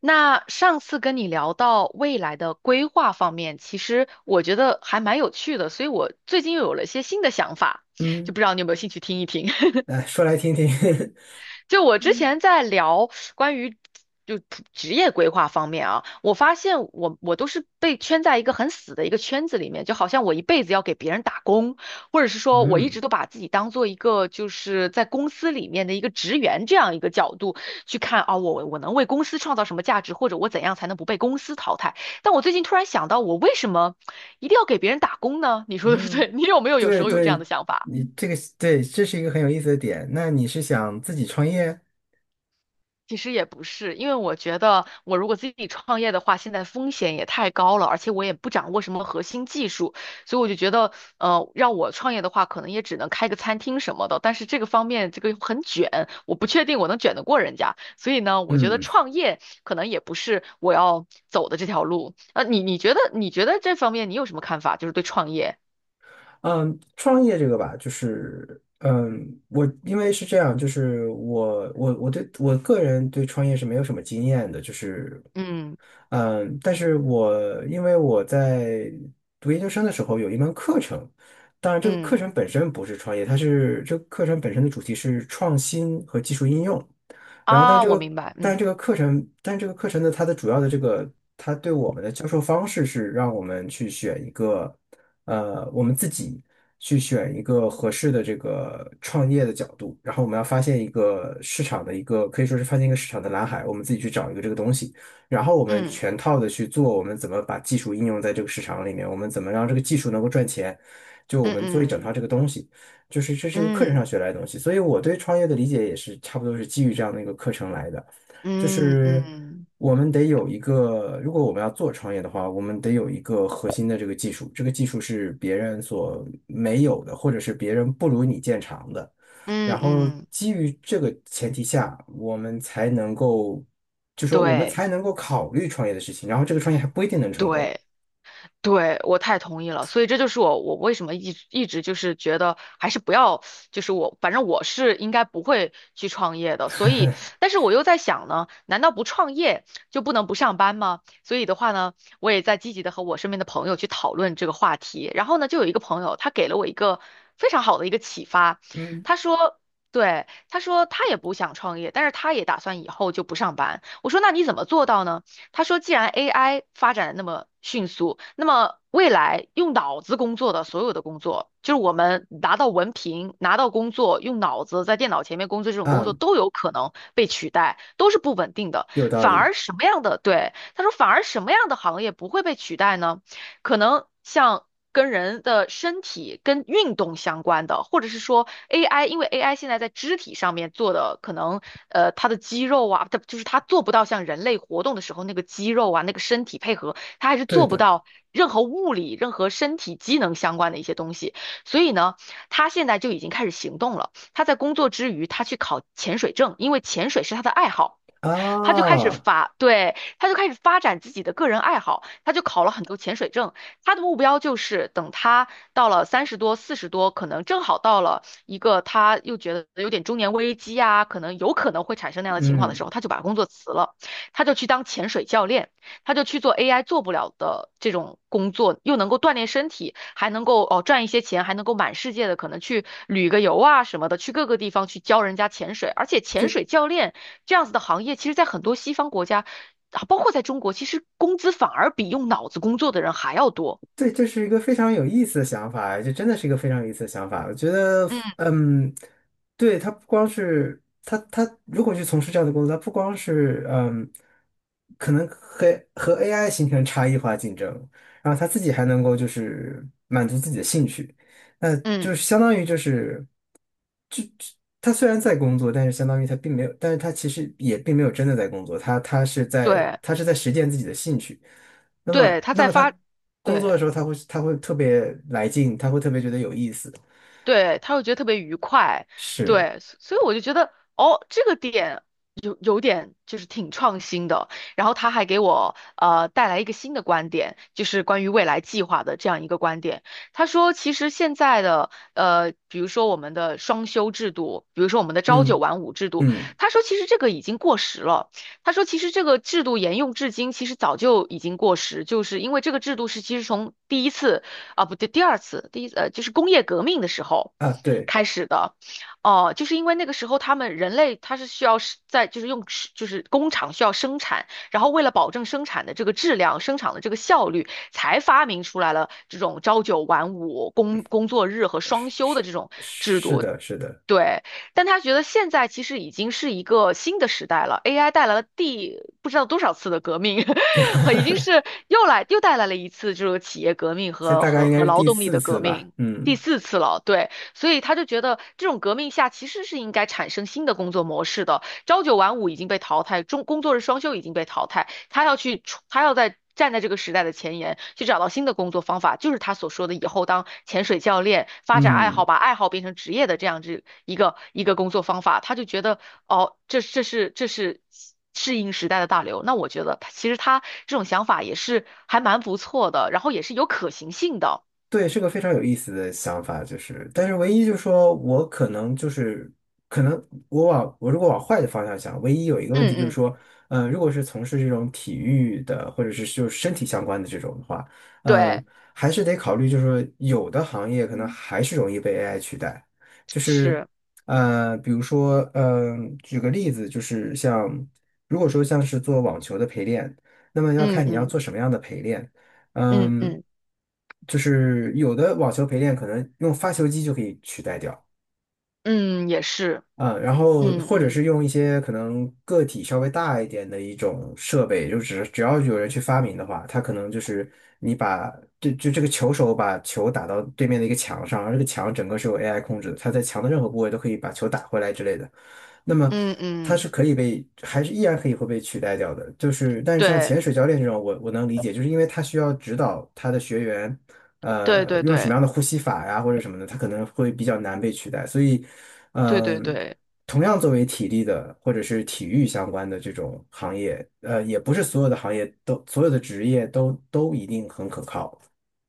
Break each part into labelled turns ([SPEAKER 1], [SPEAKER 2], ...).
[SPEAKER 1] 那上次跟你聊到未来的规划方面，其实我觉得还蛮有趣的，所以我最近又有了一些新的想法，
[SPEAKER 2] 嗯，
[SPEAKER 1] 就不知道你有没有兴趣听一听。
[SPEAKER 2] 来说来听听。
[SPEAKER 1] 就我之前在聊关于就普职业规划方面啊，我发现我都是被圈在一个很死的一个圈子里面，就好像我一辈子要给别人打工，或者是说我一直
[SPEAKER 2] 嗯
[SPEAKER 1] 都把自己当做一个就是在公司里面的一个职员这样一个角度去看啊，我能为公司创造什么价值，或者我怎样才能不被公司淘汰。但我最近突然想到，我为什么一定要给别人打工呢？你说对不
[SPEAKER 2] 嗯，
[SPEAKER 1] 对？你有没有有时
[SPEAKER 2] 对
[SPEAKER 1] 候有这样的
[SPEAKER 2] 对，
[SPEAKER 1] 想法？
[SPEAKER 2] 你这个对，这是一个很有意思的点。那你是想自己创业？
[SPEAKER 1] 其实也不是，因为我觉得我如果自己创业的话，现在风险也太高了，而且我也不掌握什么核心技术，所以我就觉得，让我创业的话，可能也只能开个餐厅什么的。但是这个方面，这个很卷，我不确定我能卷得过人家。所以呢，我觉得
[SPEAKER 2] 嗯
[SPEAKER 1] 创业可能也不是我要走的这条路。你觉得这方面你有什么看法？就是对创业，
[SPEAKER 2] 嗯，创业这个吧，就是嗯，我因为是这样，就是我对我个人对创业是没有什么经验的，就是
[SPEAKER 1] 嗯
[SPEAKER 2] 嗯，但是我因为我在读研究生的时候有一门课程，当然这个课
[SPEAKER 1] 嗯
[SPEAKER 2] 程本身不是创业，它是这个课程本身的主题是创新和技术应用。然后但
[SPEAKER 1] 啊，
[SPEAKER 2] 这
[SPEAKER 1] 我
[SPEAKER 2] 个
[SPEAKER 1] 明白，
[SPEAKER 2] 但
[SPEAKER 1] 嗯
[SPEAKER 2] 这个课程，但这个课程呢，它的主要的这个它对我们的教授方式是让我们去选一个我们自己去选一个合适的这个创业的角度，然后我们要发现一个市场的一个可以说是发现一个市场的蓝海，我们自己去找一个这个东西。然后我们
[SPEAKER 1] 嗯
[SPEAKER 2] 全套的去做，我们怎么把技术应用在这个市场里面，我们怎么让这个技术能够赚钱，就我
[SPEAKER 1] 嗯
[SPEAKER 2] 们做一整
[SPEAKER 1] 嗯
[SPEAKER 2] 套这个东西，就是这是一个课程上
[SPEAKER 1] 嗯
[SPEAKER 2] 学来的东西，所以我对创业的理解也是差不多是基于这样的一个课程来的，就
[SPEAKER 1] 嗯嗯。
[SPEAKER 2] 是
[SPEAKER 1] 嗯
[SPEAKER 2] 我们得有一个，如果我们要做创业的话，我们得有一个核心的这个技术，这个技术是别人所没有的，或者是别人不如你见长的。然
[SPEAKER 1] 嗯
[SPEAKER 2] 后
[SPEAKER 1] 嗯，
[SPEAKER 2] 基于这个前提下，我们才能够就说我们
[SPEAKER 1] 对
[SPEAKER 2] 才能够考虑创业的事情，然后这个创业还不一定能成功。
[SPEAKER 1] 对对，我太同意了，所以这就是我为什么一直就是觉得还是不要，就是我反正我是应该不会去创业的，所以但是我又在想呢，难道不创业就不能不上班吗？所以的话呢，我也在积极的和我身边的朋友去讨论这个话题，然后呢，就有一个朋友他给了我一个非常好的一个启发，
[SPEAKER 2] 嗯，
[SPEAKER 1] 他说。对，他说他也不想创业，但是他也打算以后就不上班。我说那你怎么做到呢？他说，既然 AI 发展得那么迅速，那么未来用脑子工作的所有的工作，就是我们拿到文凭、拿到工作，用脑子在电脑前面工作这种工作
[SPEAKER 2] 啊，
[SPEAKER 1] 都有可能被取代，都是不稳定的。
[SPEAKER 2] 有道
[SPEAKER 1] 反
[SPEAKER 2] 理，
[SPEAKER 1] 而什么样的，对，他说，反而什么样的行业不会被取代呢？可能像跟人的身体、跟运动相关的，或者是说 AI，因为 AI 现在在肢体上面做的，可能它的肌肉啊，它就是它做不到像人类活动的时候那个肌肉啊、那个身体配合，它还是
[SPEAKER 2] 对
[SPEAKER 1] 做不
[SPEAKER 2] 的
[SPEAKER 1] 到任何物理、任何身体机能相关的一些东西。所以呢，他现在就已经开始行动了。他在工作之余，他去考潜水证，因为潜水是他的爱好。他就开始
[SPEAKER 2] 啊，
[SPEAKER 1] 发，对，他就开始发展自己的个人爱好，他就考了很多潜水证，他的目标就是等他到了三十多、四十多，可能正好到了一个他又觉得有点中年危机啊，可能有可能会产生那样的情况的时
[SPEAKER 2] 嗯。
[SPEAKER 1] 候，他就把工作辞了，他就去当潜水教练，他就去做 AI 做不了的这种工作，又能够锻炼身体，还能够哦赚一些钱，还能够满世界的可能去旅个游啊什么的，去各个地方去教人家潜水，而且潜
[SPEAKER 2] 这。
[SPEAKER 1] 水教练这样子的行业，其实在很多西方国家。啊，包括在中国，其实工资反而比用脑子工作的人还要多。
[SPEAKER 2] 对，这是一个非常有意思的想法，这真的是一个非常有意思的想法。我觉得，
[SPEAKER 1] 嗯
[SPEAKER 2] 嗯，对，他不光是他如果去从事这样的工作，他不光是嗯，可能和AI 形成差异化竞争，然后他自己还能够就是满足自己的兴趣，那就
[SPEAKER 1] 嗯，
[SPEAKER 2] 是相当于就是，就就他虽然在工作，但是相当于他并没有，但是他其实也并没有真的在工作，
[SPEAKER 1] 对
[SPEAKER 2] 他是在实践自己的兴趣。那
[SPEAKER 1] 对，
[SPEAKER 2] 么，
[SPEAKER 1] 他
[SPEAKER 2] 那
[SPEAKER 1] 在
[SPEAKER 2] 么
[SPEAKER 1] 发，
[SPEAKER 2] 他工作的
[SPEAKER 1] 对。
[SPEAKER 2] 时候，他会特别来劲，他会特别觉得有意思。
[SPEAKER 1] 对，他会觉得特别愉快，
[SPEAKER 2] 是，
[SPEAKER 1] 对，所所以我就觉得，哦，这个点有点就是挺创新的。然后他还给我带来一个新的观点，就是关于未来计划的这样一个观点。他说，其实现在的比如说我们的双休制度，比如说我们的朝九
[SPEAKER 2] 嗯
[SPEAKER 1] 晚五制度，
[SPEAKER 2] 嗯
[SPEAKER 1] 他说其实这个已经过时了。他说，其实这个制度沿用至今，其实早就已经过时，就是因为这个制度是其实从第一次。啊，不对，第二次，第一就是工业革命的时候
[SPEAKER 2] 啊，对，
[SPEAKER 1] 开始的，哦、就是因为那个时候他们人类他是需要是在就是用是就是工厂需要生产，然后为了保证生产的这个质量、生产的这个效率，才发明出来了这种朝九晚五、工作日和双
[SPEAKER 2] 是
[SPEAKER 1] 休
[SPEAKER 2] 是
[SPEAKER 1] 的这种制
[SPEAKER 2] 是
[SPEAKER 1] 度。
[SPEAKER 2] 的，是的，
[SPEAKER 1] 对，但他觉得现在其实已经是一个新的时代了，AI 带来了第不知道多少次的革命，和已经是 又来又带来了一次这个企业革命
[SPEAKER 2] 现在
[SPEAKER 1] 和
[SPEAKER 2] 大概
[SPEAKER 1] 和
[SPEAKER 2] 应该
[SPEAKER 1] 和
[SPEAKER 2] 是
[SPEAKER 1] 劳
[SPEAKER 2] 第
[SPEAKER 1] 动力
[SPEAKER 2] 四
[SPEAKER 1] 的革
[SPEAKER 2] 次吧。
[SPEAKER 1] 命，第
[SPEAKER 2] 嗯
[SPEAKER 1] 四次了。对，所以他就觉得这种革命下其实是应该产生新的工作模式的，朝九晚五已经被淘汰，中工作日双休已经被淘汰，他要去出他要在站在这个时代的前沿，去找到新的工作方法，就是他所说的以后当潜水教练，发展爱好，
[SPEAKER 2] 嗯。
[SPEAKER 1] 把爱好变成职业的这样子一个工作方法。他就觉得，哦，这是适应时代的大流。那我觉得他其实他这种想法也是还蛮不错的，然后也是有可行性的。
[SPEAKER 2] 对，是个非常有意思的想法，就是，但是唯一就是说我可能就是，可能我如果往坏的方向想，唯一有一个
[SPEAKER 1] 嗯
[SPEAKER 2] 问题就是
[SPEAKER 1] 嗯，
[SPEAKER 2] 说，嗯、如果是从事这种体育的或者是就是身体相关的这种的话，
[SPEAKER 1] 对，
[SPEAKER 2] 嗯、还是得考虑，就是说有的行业可能还是容易被 AI 取代，就是，
[SPEAKER 1] 是，
[SPEAKER 2] 呃，比如说，嗯、举个例子，就是像如果说像是做网球的陪练，那么要
[SPEAKER 1] 嗯
[SPEAKER 2] 看你要
[SPEAKER 1] 嗯
[SPEAKER 2] 做什么样的陪练。
[SPEAKER 1] 嗯
[SPEAKER 2] 嗯，
[SPEAKER 1] 嗯
[SPEAKER 2] 就是有的网球陪练可能用发球机就可以取代掉，
[SPEAKER 1] 嗯，也是，
[SPEAKER 2] 嗯，然后
[SPEAKER 1] 嗯
[SPEAKER 2] 或者
[SPEAKER 1] 嗯
[SPEAKER 2] 是用一些可能个体稍微大一点的一种设备，就只要有人去发明的话，它可能就是你把这个球手把球打到对面的一个墙上，而这个墙整个是由 AI 控制的，它在墙的任何部位都可以把球打回来之类的。那么
[SPEAKER 1] 嗯
[SPEAKER 2] 它是
[SPEAKER 1] 嗯，
[SPEAKER 2] 可以被，还是依然可以会被取代掉的。就是，但是像
[SPEAKER 1] 对
[SPEAKER 2] 潜水教练这种，我能理解，就是因为他需要指导他的学员，
[SPEAKER 1] 对
[SPEAKER 2] 呃，
[SPEAKER 1] 对
[SPEAKER 2] 用什么
[SPEAKER 1] 对
[SPEAKER 2] 样的呼吸法呀，或者什么的，他可能会比较难被取代。所以，
[SPEAKER 1] 对对
[SPEAKER 2] 嗯、
[SPEAKER 1] 对。
[SPEAKER 2] 同样作为体力的或者是体育相关的这种行业，呃，也不是所有的行业都所有的职业都一定很可靠。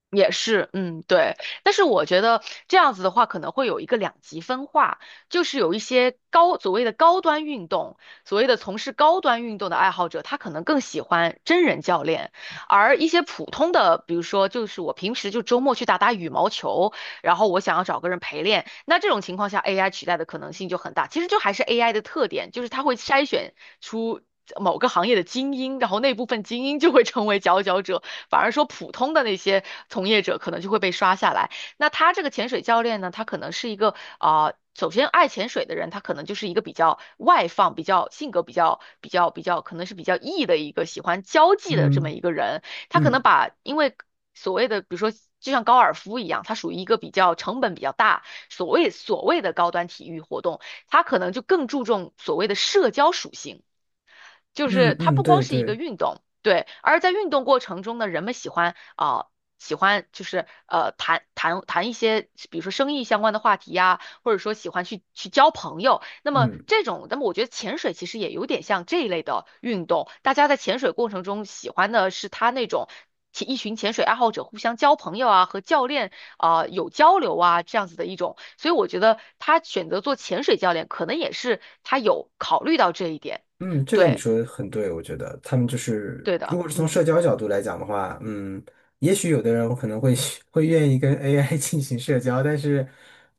[SPEAKER 1] 也是，嗯，对，但是我觉得这样子的话，可能会有一个两极分化，就是有一些高，所谓的高端运动，所谓的从事高端运动的爱好者，他可能更喜欢真人教练，而一些普通的，比如说就是我平时就周末去打打羽毛球，然后我想要找个人陪练，那这种情况下 AI 取代的可能性就很大。其实就还是 AI 的特点，就是它会筛选出。某个行业的精英，然后那部分精英就会成为佼佼者，反而说普通的那些从业者可能就会被刷下来。那他这个潜水教练呢，他可能是一个啊、呃首先爱潜水的人，他可能就是一个比较外放、比较性格比较，可能是比较 E 的一个喜欢交际的这么
[SPEAKER 2] 嗯
[SPEAKER 1] 一个人。他可能
[SPEAKER 2] 嗯
[SPEAKER 1] 把因为所谓的，比如说就像高尔夫一样，它属于一个比较成本比较大，所谓的高端体育活动，它可能就更注重所谓的社交属性。就
[SPEAKER 2] 嗯
[SPEAKER 1] 是它
[SPEAKER 2] 嗯，
[SPEAKER 1] 不光
[SPEAKER 2] 对
[SPEAKER 1] 是一个
[SPEAKER 2] 对，
[SPEAKER 1] 运动，对，而在运动过程中呢，人们喜欢啊、喜欢就是谈一些，比如说生意相关的话题呀、或者说喜欢去交朋友。那么
[SPEAKER 2] 嗯
[SPEAKER 1] 这种，那么我觉得潜水其实也有点像这一类的运动，大家在潜水过程中喜欢的是他那种。一群潜水爱好者互相交朋友啊，和教练啊、有交流啊，这样子的一种，所以我觉得他选择做潜水教练，可能也是他有考虑到这一点。
[SPEAKER 2] 嗯，这个你
[SPEAKER 1] 对，
[SPEAKER 2] 说的很对，我觉得他们就是，
[SPEAKER 1] 对
[SPEAKER 2] 如
[SPEAKER 1] 的，
[SPEAKER 2] 果是从
[SPEAKER 1] 嗯
[SPEAKER 2] 社交角度来讲的话，嗯，也许有的人可能会 会愿意跟 AI 进行社交，但是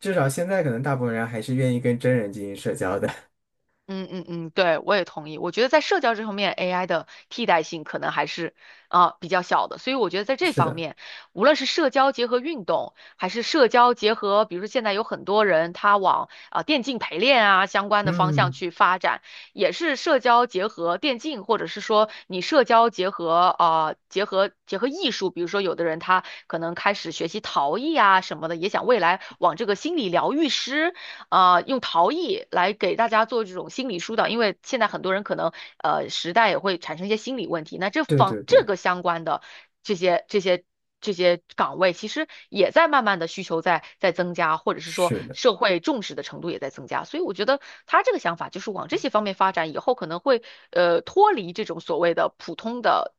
[SPEAKER 2] 至少现在可能大部分人还是愿意跟真人进行社交的。
[SPEAKER 1] 嗯嗯嗯，对，我也同意。我觉得在社交这方面，AI 的替代性可能还是比较小的，所以我觉得在这
[SPEAKER 2] 是
[SPEAKER 1] 方
[SPEAKER 2] 的，
[SPEAKER 1] 面，无论是社交结合运动，还是社交结合，比如说现在有很多人他往电竞陪练啊相关的方向
[SPEAKER 2] 嗯，
[SPEAKER 1] 去发展，也是社交结合电竞，或者是说你社交结合结合艺术，比如说有的人他可能开始学习陶艺啊什么的，也想未来往这个心理疗愈师。用陶艺来给大家做这种心理疏导，因为现在很多人可能时代也会产生一些心理问题，那这
[SPEAKER 2] 对
[SPEAKER 1] 方
[SPEAKER 2] 对
[SPEAKER 1] 这
[SPEAKER 2] 对，
[SPEAKER 1] 个相关的这些这些这些岗位，其实也在慢慢的需求在增加，或者是说
[SPEAKER 2] 是的。
[SPEAKER 1] 社会重视的程度也在增加，所以我觉得他这个想法就是往这些方面发展，以后可能会脱离这种所谓的普通的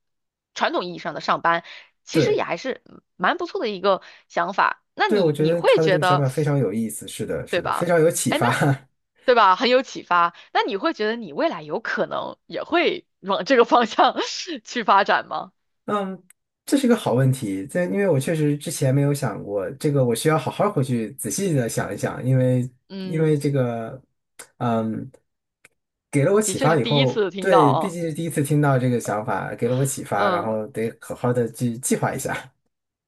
[SPEAKER 1] 传统意义上的上班，其实
[SPEAKER 2] 对，
[SPEAKER 1] 也还是蛮不错的一个想法。那
[SPEAKER 2] 对，我
[SPEAKER 1] 你
[SPEAKER 2] 觉
[SPEAKER 1] 你
[SPEAKER 2] 得
[SPEAKER 1] 会
[SPEAKER 2] 他的这
[SPEAKER 1] 觉
[SPEAKER 2] 个想
[SPEAKER 1] 得
[SPEAKER 2] 法非常有意思，是的，是
[SPEAKER 1] 对
[SPEAKER 2] 的，非
[SPEAKER 1] 吧？
[SPEAKER 2] 常有启
[SPEAKER 1] 哎，那
[SPEAKER 2] 发。
[SPEAKER 1] 对吧？很有启发。那你会觉得你未来有可能也会往这个方向 去发展吗？
[SPEAKER 2] 嗯，这是一个好问题，这因为我确实之前没有想过这个，我需要好好回去仔细的想一想，因为因为
[SPEAKER 1] 嗯，
[SPEAKER 2] 这个，嗯，给了我
[SPEAKER 1] 的
[SPEAKER 2] 启
[SPEAKER 1] 确
[SPEAKER 2] 发
[SPEAKER 1] 是
[SPEAKER 2] 以
[SPEAKER 1] 第一
[SPEAKER 2] 后，
[SPEAKER 1] 次听到
[SPEAKER 2] 对，毕
[SPEAKER 1] 啊。
[SPEAKER 2] 竟是第一次听到这个想法，给了我启发，然
[SPEAKER 1] 嗯，
[SPEAKER 2] 后得好好的去计划一下。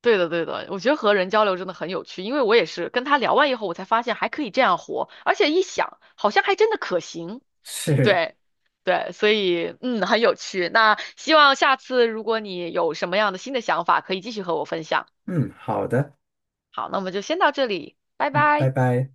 [SPEAKER 1] 对的，对的，我觉得和人交流真的很有趣，因为我也是跟他聊完以后，我才发现还可以这样活，而且一想，好像还真的可行。
[SPEAKER 2] 是，
[SPEAKER 1] 对，对，所以嗯，很有趣。那希望下次如果你有什么样的新的想法，可以继续和我分享。
[SPEAKER 2] 嗯，好的，
[SPEAKER 1] 好，那我们就先到这里，拜
[SPEAKER 2] 嗯，拜
[SPEAKER 1] 拜。
[SPEAKER 2] 拜。